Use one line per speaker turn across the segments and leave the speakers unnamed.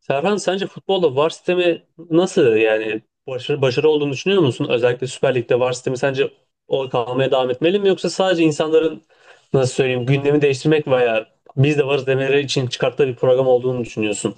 Serhan sence futbolda VAR sistemi nasıl yani başarı olduğunu düşünüyor musun? Özellikle Süper Lig'de VAR sistemi sence o kalmaya devam etmeli mi, yoksa sadece insanların nasıl söyleyeyim gündemi değiştirmek veya biz de varız demeleri için çıkarttığı bir program olduğunu düşünüyorsun?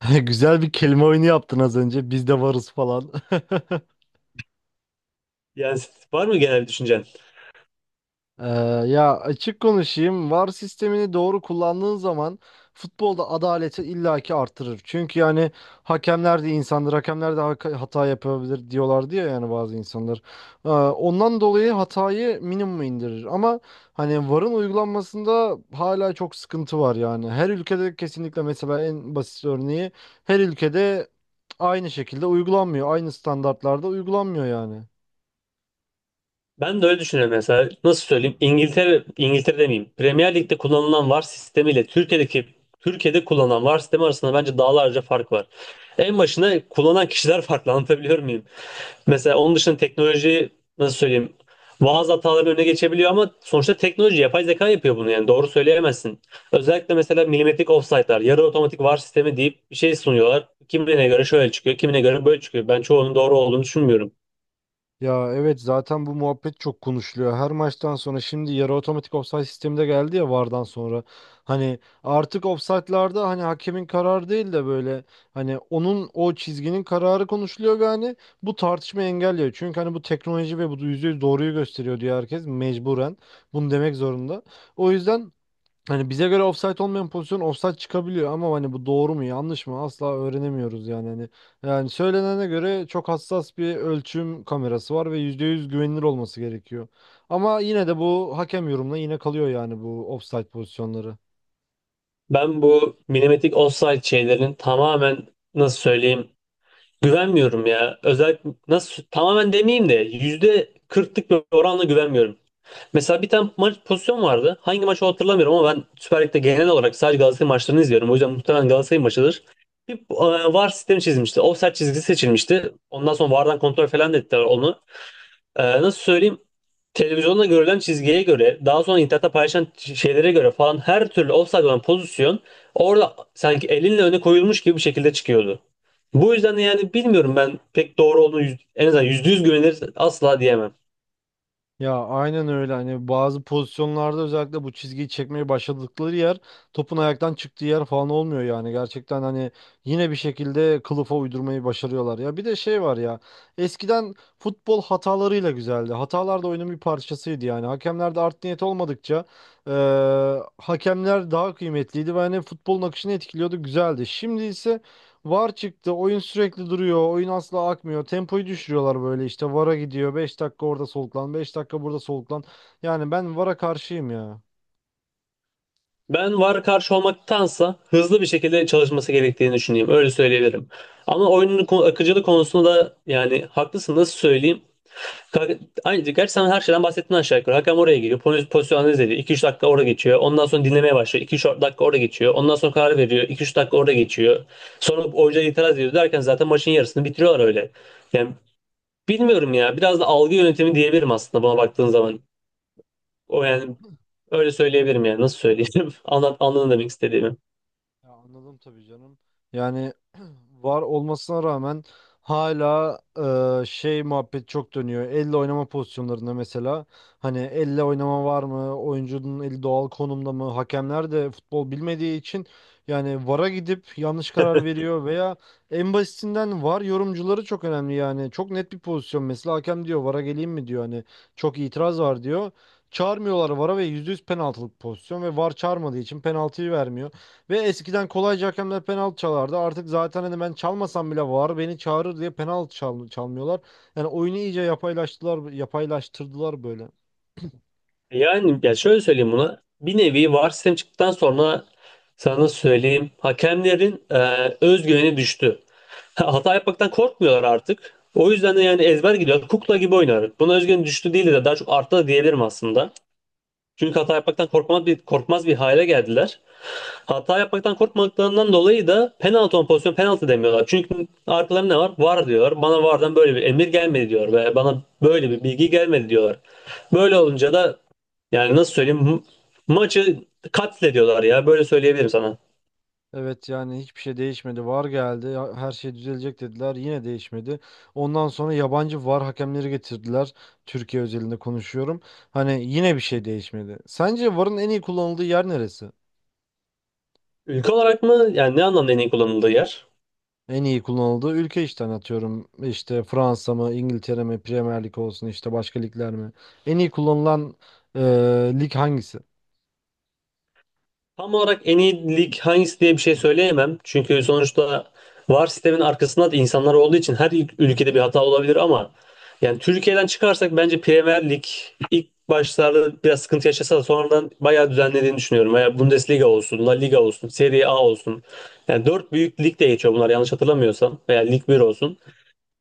Güzel bir kelime oyunu yaptın az önce. Biz de varız falan.
Yani var mı genel bir düşüncen?
Ee, ya açık konuşayım. VAR sistemini doğru kullandığın zaman futbolda adaleti illaki artırır. Çünkü yani hakemler de insandır. Hakemler de hata yapabilir diyorlar diye yani bazı insanlar. Ondan dolayı hatayı minimuma indirir. Ama hani VAR'ın uygulanmasında hala çok sıkıntı var yani. Her ülkede kesinlikle, mesela en basit örneği, her ülkede aynı şekilde uygulanmıyor. Aynı standartlarda uygulanmıyor yani.
Ben de öyle düşünüyorum mesela. Nasıl söyleyeyim? İngiltere, İngiltere demeyeyim. Premier Lig'de kullanılan VAR sistemiyle Türkiye'de kullanılan VAR sistemi arasında bence dağlarca fark var. En başına kullanan kişiler farklı, anlatabiliyor muyum? Mesela onun dışında teknoloji, nasıl söyleyeyim? Bazı hataların önüne geçebiliyor ama sonuçta teknoloji, yapay zeka yapıyor bunu, yani doğru söyleyemezsin. Özellikle mesela milimetrik offside'lar, yarı otomatik VAR sistemi deyip bir şey sunuyorlar. Kimine göre şöyle çıkıyor, kimine göre böyle çıkıyor. Ben çoğunun doğru olduğunu düşünmüyorum.
Ya evet, zaten bu muhabbet çok konuşuluyor. Her maçtan sonra şimdi yarı otomatik ofsayt sistemi de geldi ya VAR'dan sonra. Hani artık ofsaytlarda hani hakemin kararı değil de böyle, hani onun o çizginin kararı konuşuluyor ve hani bu tartışma engelliyor. Çünkü hani bu teknoloji ve bu %100 doğruyu gösteriyor diyor herkes mecburen. Bunu demek zorunda. O yüzden hani bize göre ofsayt olmayan pozisyon ofsayt çıkabiliyor ama hani bu doğru mu yanlış mı asla öğrenemiyoruz yani hani. Yani söylenene göre çok hassas bir ölçüm kamerası var ve %100 güvenilir olması gerekiyor. Ama yine de bu hakem yorumuna yine kalıyor yani, bu ofsayt pozisyonları.
Ben bu milimetrik offside şeylerin tamamen, nasıl söyleyeyim, güvenmiyorum ya. Özellikle nasıl tamamen demeyeyim de yüzde kırklık bir oranla güvenmiyorum. Mesela bir tane maç pozisyon vardı. Hangi maçı hatırlamıyorum ama ben Süper Lig'de genel olarak sadece Galatasaray maçlarını izliyorum. O yüzden muhtemelen Galatasaray maçıdır. Bir VAR sistemi çizmişti. Offside çizgisi seçilmişti. Ondan sonra VAR'dan kontrol falan da ettiler onu. Nasıl söyleyeyim? Televizyonda görülen çizgiye göre, daha sonra internette paylaşan şeylere göre falan her türlü offside olan pozisyon orada sanki elinle öne koyulmuş gibi bir şekilde çıkıyordu. Bu yüzden de yani bilmiyorum, ben pek doğru olduğunu en azından yüzde yüz güvenilir asla diyemem.
Ya aynen öyle, hani bazı pozisyonlarda özellikle bu çizgiyi çekmeye başladıkları yer, topun ayaktan çıktığı yer falan olmuyor yani, gerçekten hani yine bir şekilde kılıfa uydurmayı başarıyorlar. Ya bir de şey var ya, eskiden futbol hatalarıyla güzeldi, hatalar da oyunun bir parçasıydı yani, hakemlerde art niyet olmadıkça hakemler daha kıymetliydi ve hani futbolun akışını etkiliyordu, güzeldi. Şimdi ise VAR çıktı. Oyun sürekli duruyor. Oyun asla akmıyor. Tempoyu düşürüyorlar böyle işte. VAR'a gidiyor. Beş dakika orada soluklan, 5 dakika burada soluklan. Yani ben VAR'a karşıyım ya.
Ben VAR karşı olmaktansa hızlı bir şekilde çalışması gerektiğini düşünüyorum. Öyle söyleyebilirim. Ama oyunun akıcılığı konusunda da yani haklısın, nasıl söyleyeyim. Ka- Aynı şey. Gerçi sen her şeyden bahsettin aşağı yukarı. Hakem oraya geliyor. Pozisyon analiz ediyor. 2-3 dakika orada geçiyor. Ondan sonra dinlemeye başlıyor. 2 üç dakika orada geçiyor. Ondan sonra karar veriyor. 2 üç dakika orada geçiyor. Sonra oyuncuya itiraz ediyor derken zaten maçın yarısını bitiriyorlar öyle. Yani bilmiyorum ya. Biraz da algı yönetimi diyebilirim aslında buna baktığın zaman. O yani öyle söyleyebilirim yani. Nasıl söyleyeyim? Anladın demek istediğimi.
Ya anladım tabii canım. Yani var olmasına rağmen hala şey muhabbet çok dönüyor. Elle oynama pozisyonlarında mesela, hani elle oynama var mı? Oyuncunun eli doğal konumda mı? Hakemler de futbol bilmediği için yani VAR'a gidip yanlış karar veriyor veya en basitinden VAR yorumcuları çok önemli yani. Çok net bir pozisyon mesela, hakem diyor VAR'a geleyim mi diyor, hani çok itiraz var diyor. Çağırmıyorlar VAR'a ve %100 penaltılık pozisyon ve VAR çağırmadığı için penaltıyı vermiyor. Ve eskiden kolayca hakemler penaltı çalardı. Artık zaten hani ben çalmasam bile var beni çağırır diye penaltı çalmıyorlar. Yani oyunu iyice yapaylaştılar, yapaylaştırdılar böyle.
Yani ya şöyle söyleyeyim buna. Bir nevi VAR sistem çıktıktan sonra sana nasıl söyleyeyim. Hakemlerin özgüveni düştü. Hata yapmaktan korkmuyorlar artık. O yüzden de yani ezber gidiyor. Kukla gibi oynar. Buna özgüveni düştü değil de daha çok arttı da diyebilirim aslında. Çünkü hata yapmaktan korkmaz bir hale geldiler. Hata yapmaktan korkmadıklarından dolayı da penaltı olan pozisyon penaltı demiyorlar. Çünkü arkalarında ne var? VAR diyor. Bana VAR'dan böyle bir emir gelmedi diyor. Ve bana böyle bir bilgi gelmedi diyorlar. Böyle olunca da yani nasıl söyleyeyim? Maçı katlediyorlar ya. Böyle söyleyebilirim sana.
Evet yani hiçbir şey değişmedi. VAR geldi. Her şey düzelecek dediler. Yine değişmedi. Ondan sonra yabancı VAR hakemleri getirdiler. Türkiye özelinde konuşuyorum. Hani yine bir şey değişmedi. Sence VAR'ın en iyi kullanıldığı yer neresi?
Ülke olarak mı? Yani ne anlamda en iyi kullanıldığı yer?
En iyi kullanıldığı ülke işte, hani atıyorum İşte Fransa mı, İngiltere mi, Premier Lig olsun işte, başka ligler mi? En iyi kullanılan e, lig hangisi?
Tam olarak en iyi lig hangisi diye bir şey söyleyemem. Çünkü sonuçta VAR sistemin arkasında da insanlar olduğu için her ülkede bir hata olabilir ama yani Türkiye'den çıkarsak bence Premier Lig ilk başlarda biraz sıkıntı yaşasa da sonradan bayağı düzenlediğini düşünüyorum. Veya Bundesliga olsun, La Liga olsun, Serie A olsun. Yani dört büyük lig de geçiyor bunlar, yanlış hatırlamıyorsam. Veya Lig bir olsun.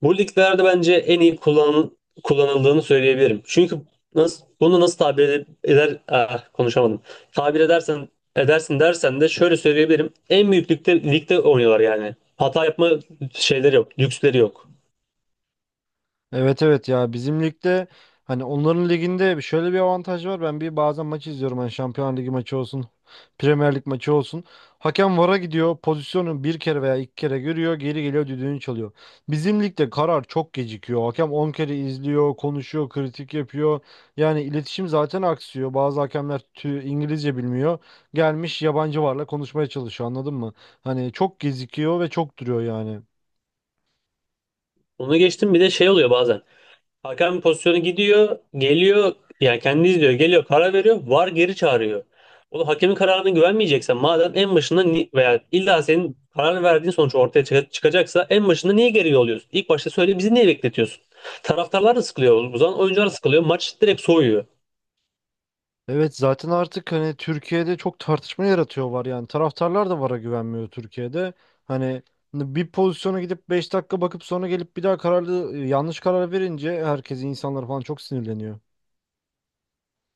Bu liglerde bence en iyi kullanıldığını söyleyebilirim. Çünkü nasıl, bunu nasıl tabir eder, konuşamadım. Tabir edersen edersin dersen de şöyle söyleyebilirim. En büyük ligde oynuyorlar yani. Hata yapma şeyleri yok, lüksleri yok.
Evet evet ya, bizim ligde hani, onların liginde şöyle bir avantaj var. Ben bir bazen maç izliyorum, hani Şampiyonlar Ligi maçı olsun, Premier Lig maçı olsun. Hakem VAR'a gidiyor, pozisyonu bir kere veya iki kere görüyor, geri geliyor, düdüğünü çalıyor. Bizim ligde karar çok gecikiyor. Hakem 10 kere izliyor, konuşuyor, kritik yapıyor. Yani iletişim zaten aksıyor. Bazı hakemler İngilizce bilmiyor. Gelmiş yabancı VAR'la konuşmaya çalışıyor, anladın mı? Hani çok gecikiyor ve çok duruyor yani.
Onu geçtim, bir de şey oluyor bazen. Hakem pozisyonu gidiyor, geliyor, yani kendi izliyor, geliyor, karar veriyor, VAR geri çağırıyor. O hakemin kararına güvenmeyeceksen madem en başında veya illa senin karar verdiğin sonuç ortaya çıkacaksa en başında niye geri yolluyorsun? İlk başta söyle, bizi niye bekletiyorsun? Taraftarlar da sıkılıyor, o zaman oyuncular da sıkılıyor, maç direkt soğuyor.
Evet, zaten artık hani Türkiye'de çok tartışma yaratıyor var yani, taraftarlar da VAR'a güvenmiyor Türkiye'de. Hani bir pozisyona gidip 5 dakika bakıp sonra gelip bir daha kararlı yanlış karar verince herkes, insanlar falan çok sinirleniyor.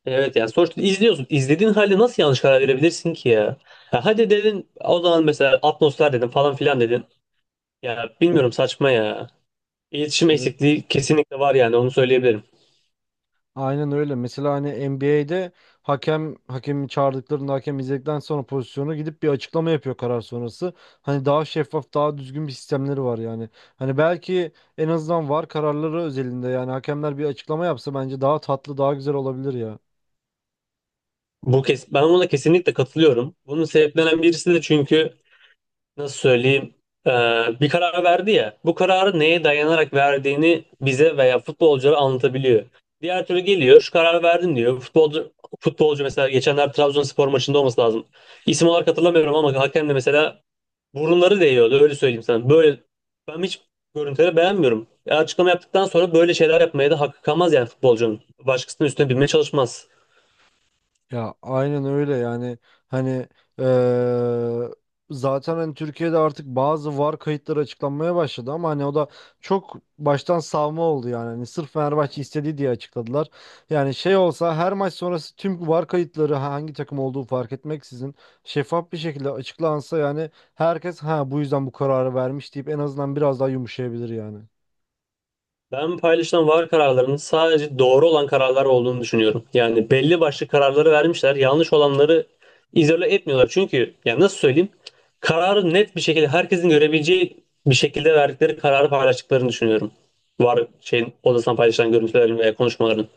Evet, yani sonuçta izliyorsun. İzlediğin halde nasıl yanlış karar verebilirsin ki ya? Ha, hadi dedin o zaman mesela, atmosfer dedin falan filan dedin. Ya bilmiyorum, saçma ya. İletişim
Evet,
eksikliği kesinlikle var, yani onu söyleyebilirim.
aynen öyle. Mesela hani NBA'de hakem hakemi çağırdıklarında hakem izledikten sonra pozisyonu gidip bir açıklama yapıyor karar sonrası. Hani daha şeffaf, daha düzgün bir sistemleri var yani. Hani belki en azından VAR kararları özelinde yani hakemler bir açıklama yapsa bence daha tatlı, daha güzel olabilir ya.
Bu kes Ben buna kesinlikle katılıyorum. Bunun sebeplenen birisi de çünkü nasıl söyleyeyim e, bir karar verdi ya. Bu kararı neye dayanarak verdiğini bize veya futbolculara anlatabiliyor. Diğer türlü geliyor, şu karar verdim diyor. Futbolcu mesela, geçenler Trabzonspor maçında olması lazım. İsim olarak hatırlamıyorum ama hakem de mesela burunları değiyordu, öyle söyleyeyim sana. Böyle ben hiç görüntüleri beğenmiyorum. Açıklama yaptıktan sonra böyle şeyler yapmaya da hakkı kalmaz yani futbolcunun. Başkasının üstüne binmeye çalışmaz.
Ya aynen öyle yani hani eee, zaten hani Türkiye'de artık bazı VAR kayıtları açıklanmaya başladı ama hani o da çok baştan savma oldu yani, hani sırf Fenerbahçe istediği diye açıkladılar. Yani şey olsa, her maç sonrası tüm VAR kayıtları hangi takım olduğu fark etmeksizin şeffaf bir şekilde açıklansa yani, herkes ha bu yüzden bu kararı vermiş deyip en azından biraz daha yumuşayabilir yani.
Ben paylaşılan VAR kararlarının sadece doğru olan kararlar olduğunu düşünüyorum. Yani belli başlı kararları vermişler. Yanlış olanları izole etmiyorlar. Çünkü yani nasıl söyleyeyim? Kararı net bir şekilde, herkesin görebileceği bir şekilde verdikleri kararı paylaştıklarını düşünüyorum. VAR şeyin odasından paylaşılan görüntülerin veya konuşmaların.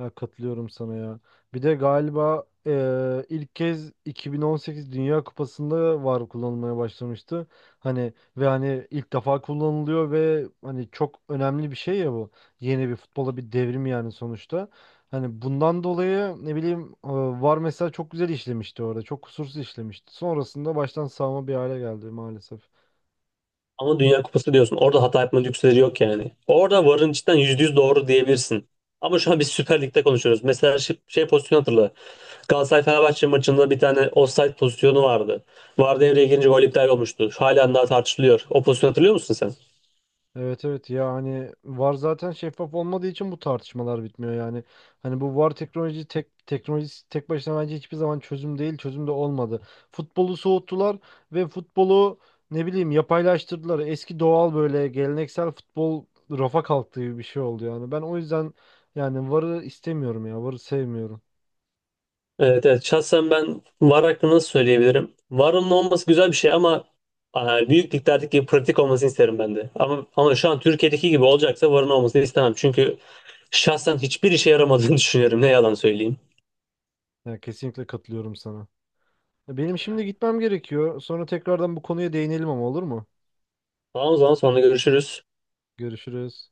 Ya katılıyorum sana ya. Bir de galiba ilk kez 2018 Dünya Kupası'nda VAR kullanılmaya başlamıştı. Hani ve hani ilk defa kullanılıyor ve hani çok önemli bir şey ya bu. Yeni bir futbola bir devrim yani sonuçta. Hani bundan dolayı ne bileyim, VAR mesela çok güzel işlemişti orada. Çok kusursuz işlemişti. Sonrasında baştan sağma bir hale geldi maalesef.
Ama Dünya Kupası diyorsun. Orada hata yapma lüksleri yok yani. Orada varın içinden %100 doğru diyebilirsin. Ama şu an biz Süper Lig'de konuşuyoruz. Mesela şey, şey pozisyonu hatırla. Galatasaray Fenerbahçe maçında bir tane offside pozisyonu vardı. VAR devreye girince gol iptal olmuştu. Halen daha tartışılıyor. O pozisyonu hatırlıyor musun sen?
Evet evet, ya hani VAR zaten şeffaf olmadığı için bu tartışmalar bitmiyor yani. Hani bu VAR teknoloji teknolojisi tek başına bence hiçbir zaman çözüm değil, çözüm de olmadı. Futbolu soğuttular ve futbolu ne bileyim yapaylaştırdılar. Eski doğal, böyle geleneksel futbol rafa kalktı gibi bir şey oldu yani. Ben o yüzden yani VAR'ı istemiyorum ya. VAR'ı sevmiyorum.
Evet, evet. Şahsen ben VAR hakkında nasıl söyleyebilirim? VAR'ın olması güzel bir şey ama büyük liglerdeki gibi pratik olmasını isterim ben de. Ama şu an Türkiye'deki gibi olacaksa VAR'ın olmasını istemem. Çünkü şahsen hiçbir işe yaramadığını düşünüyorum. Ne yalan söyleyeyim.
Yani kesinlikle katılıyorum sana. Benim şimdi gitmem gerekiyor. Sonra tekrardan bu konuya değinelim ama, olur mu?
Tamam, o zaman sonra görüşürüz.
Görüşürüz.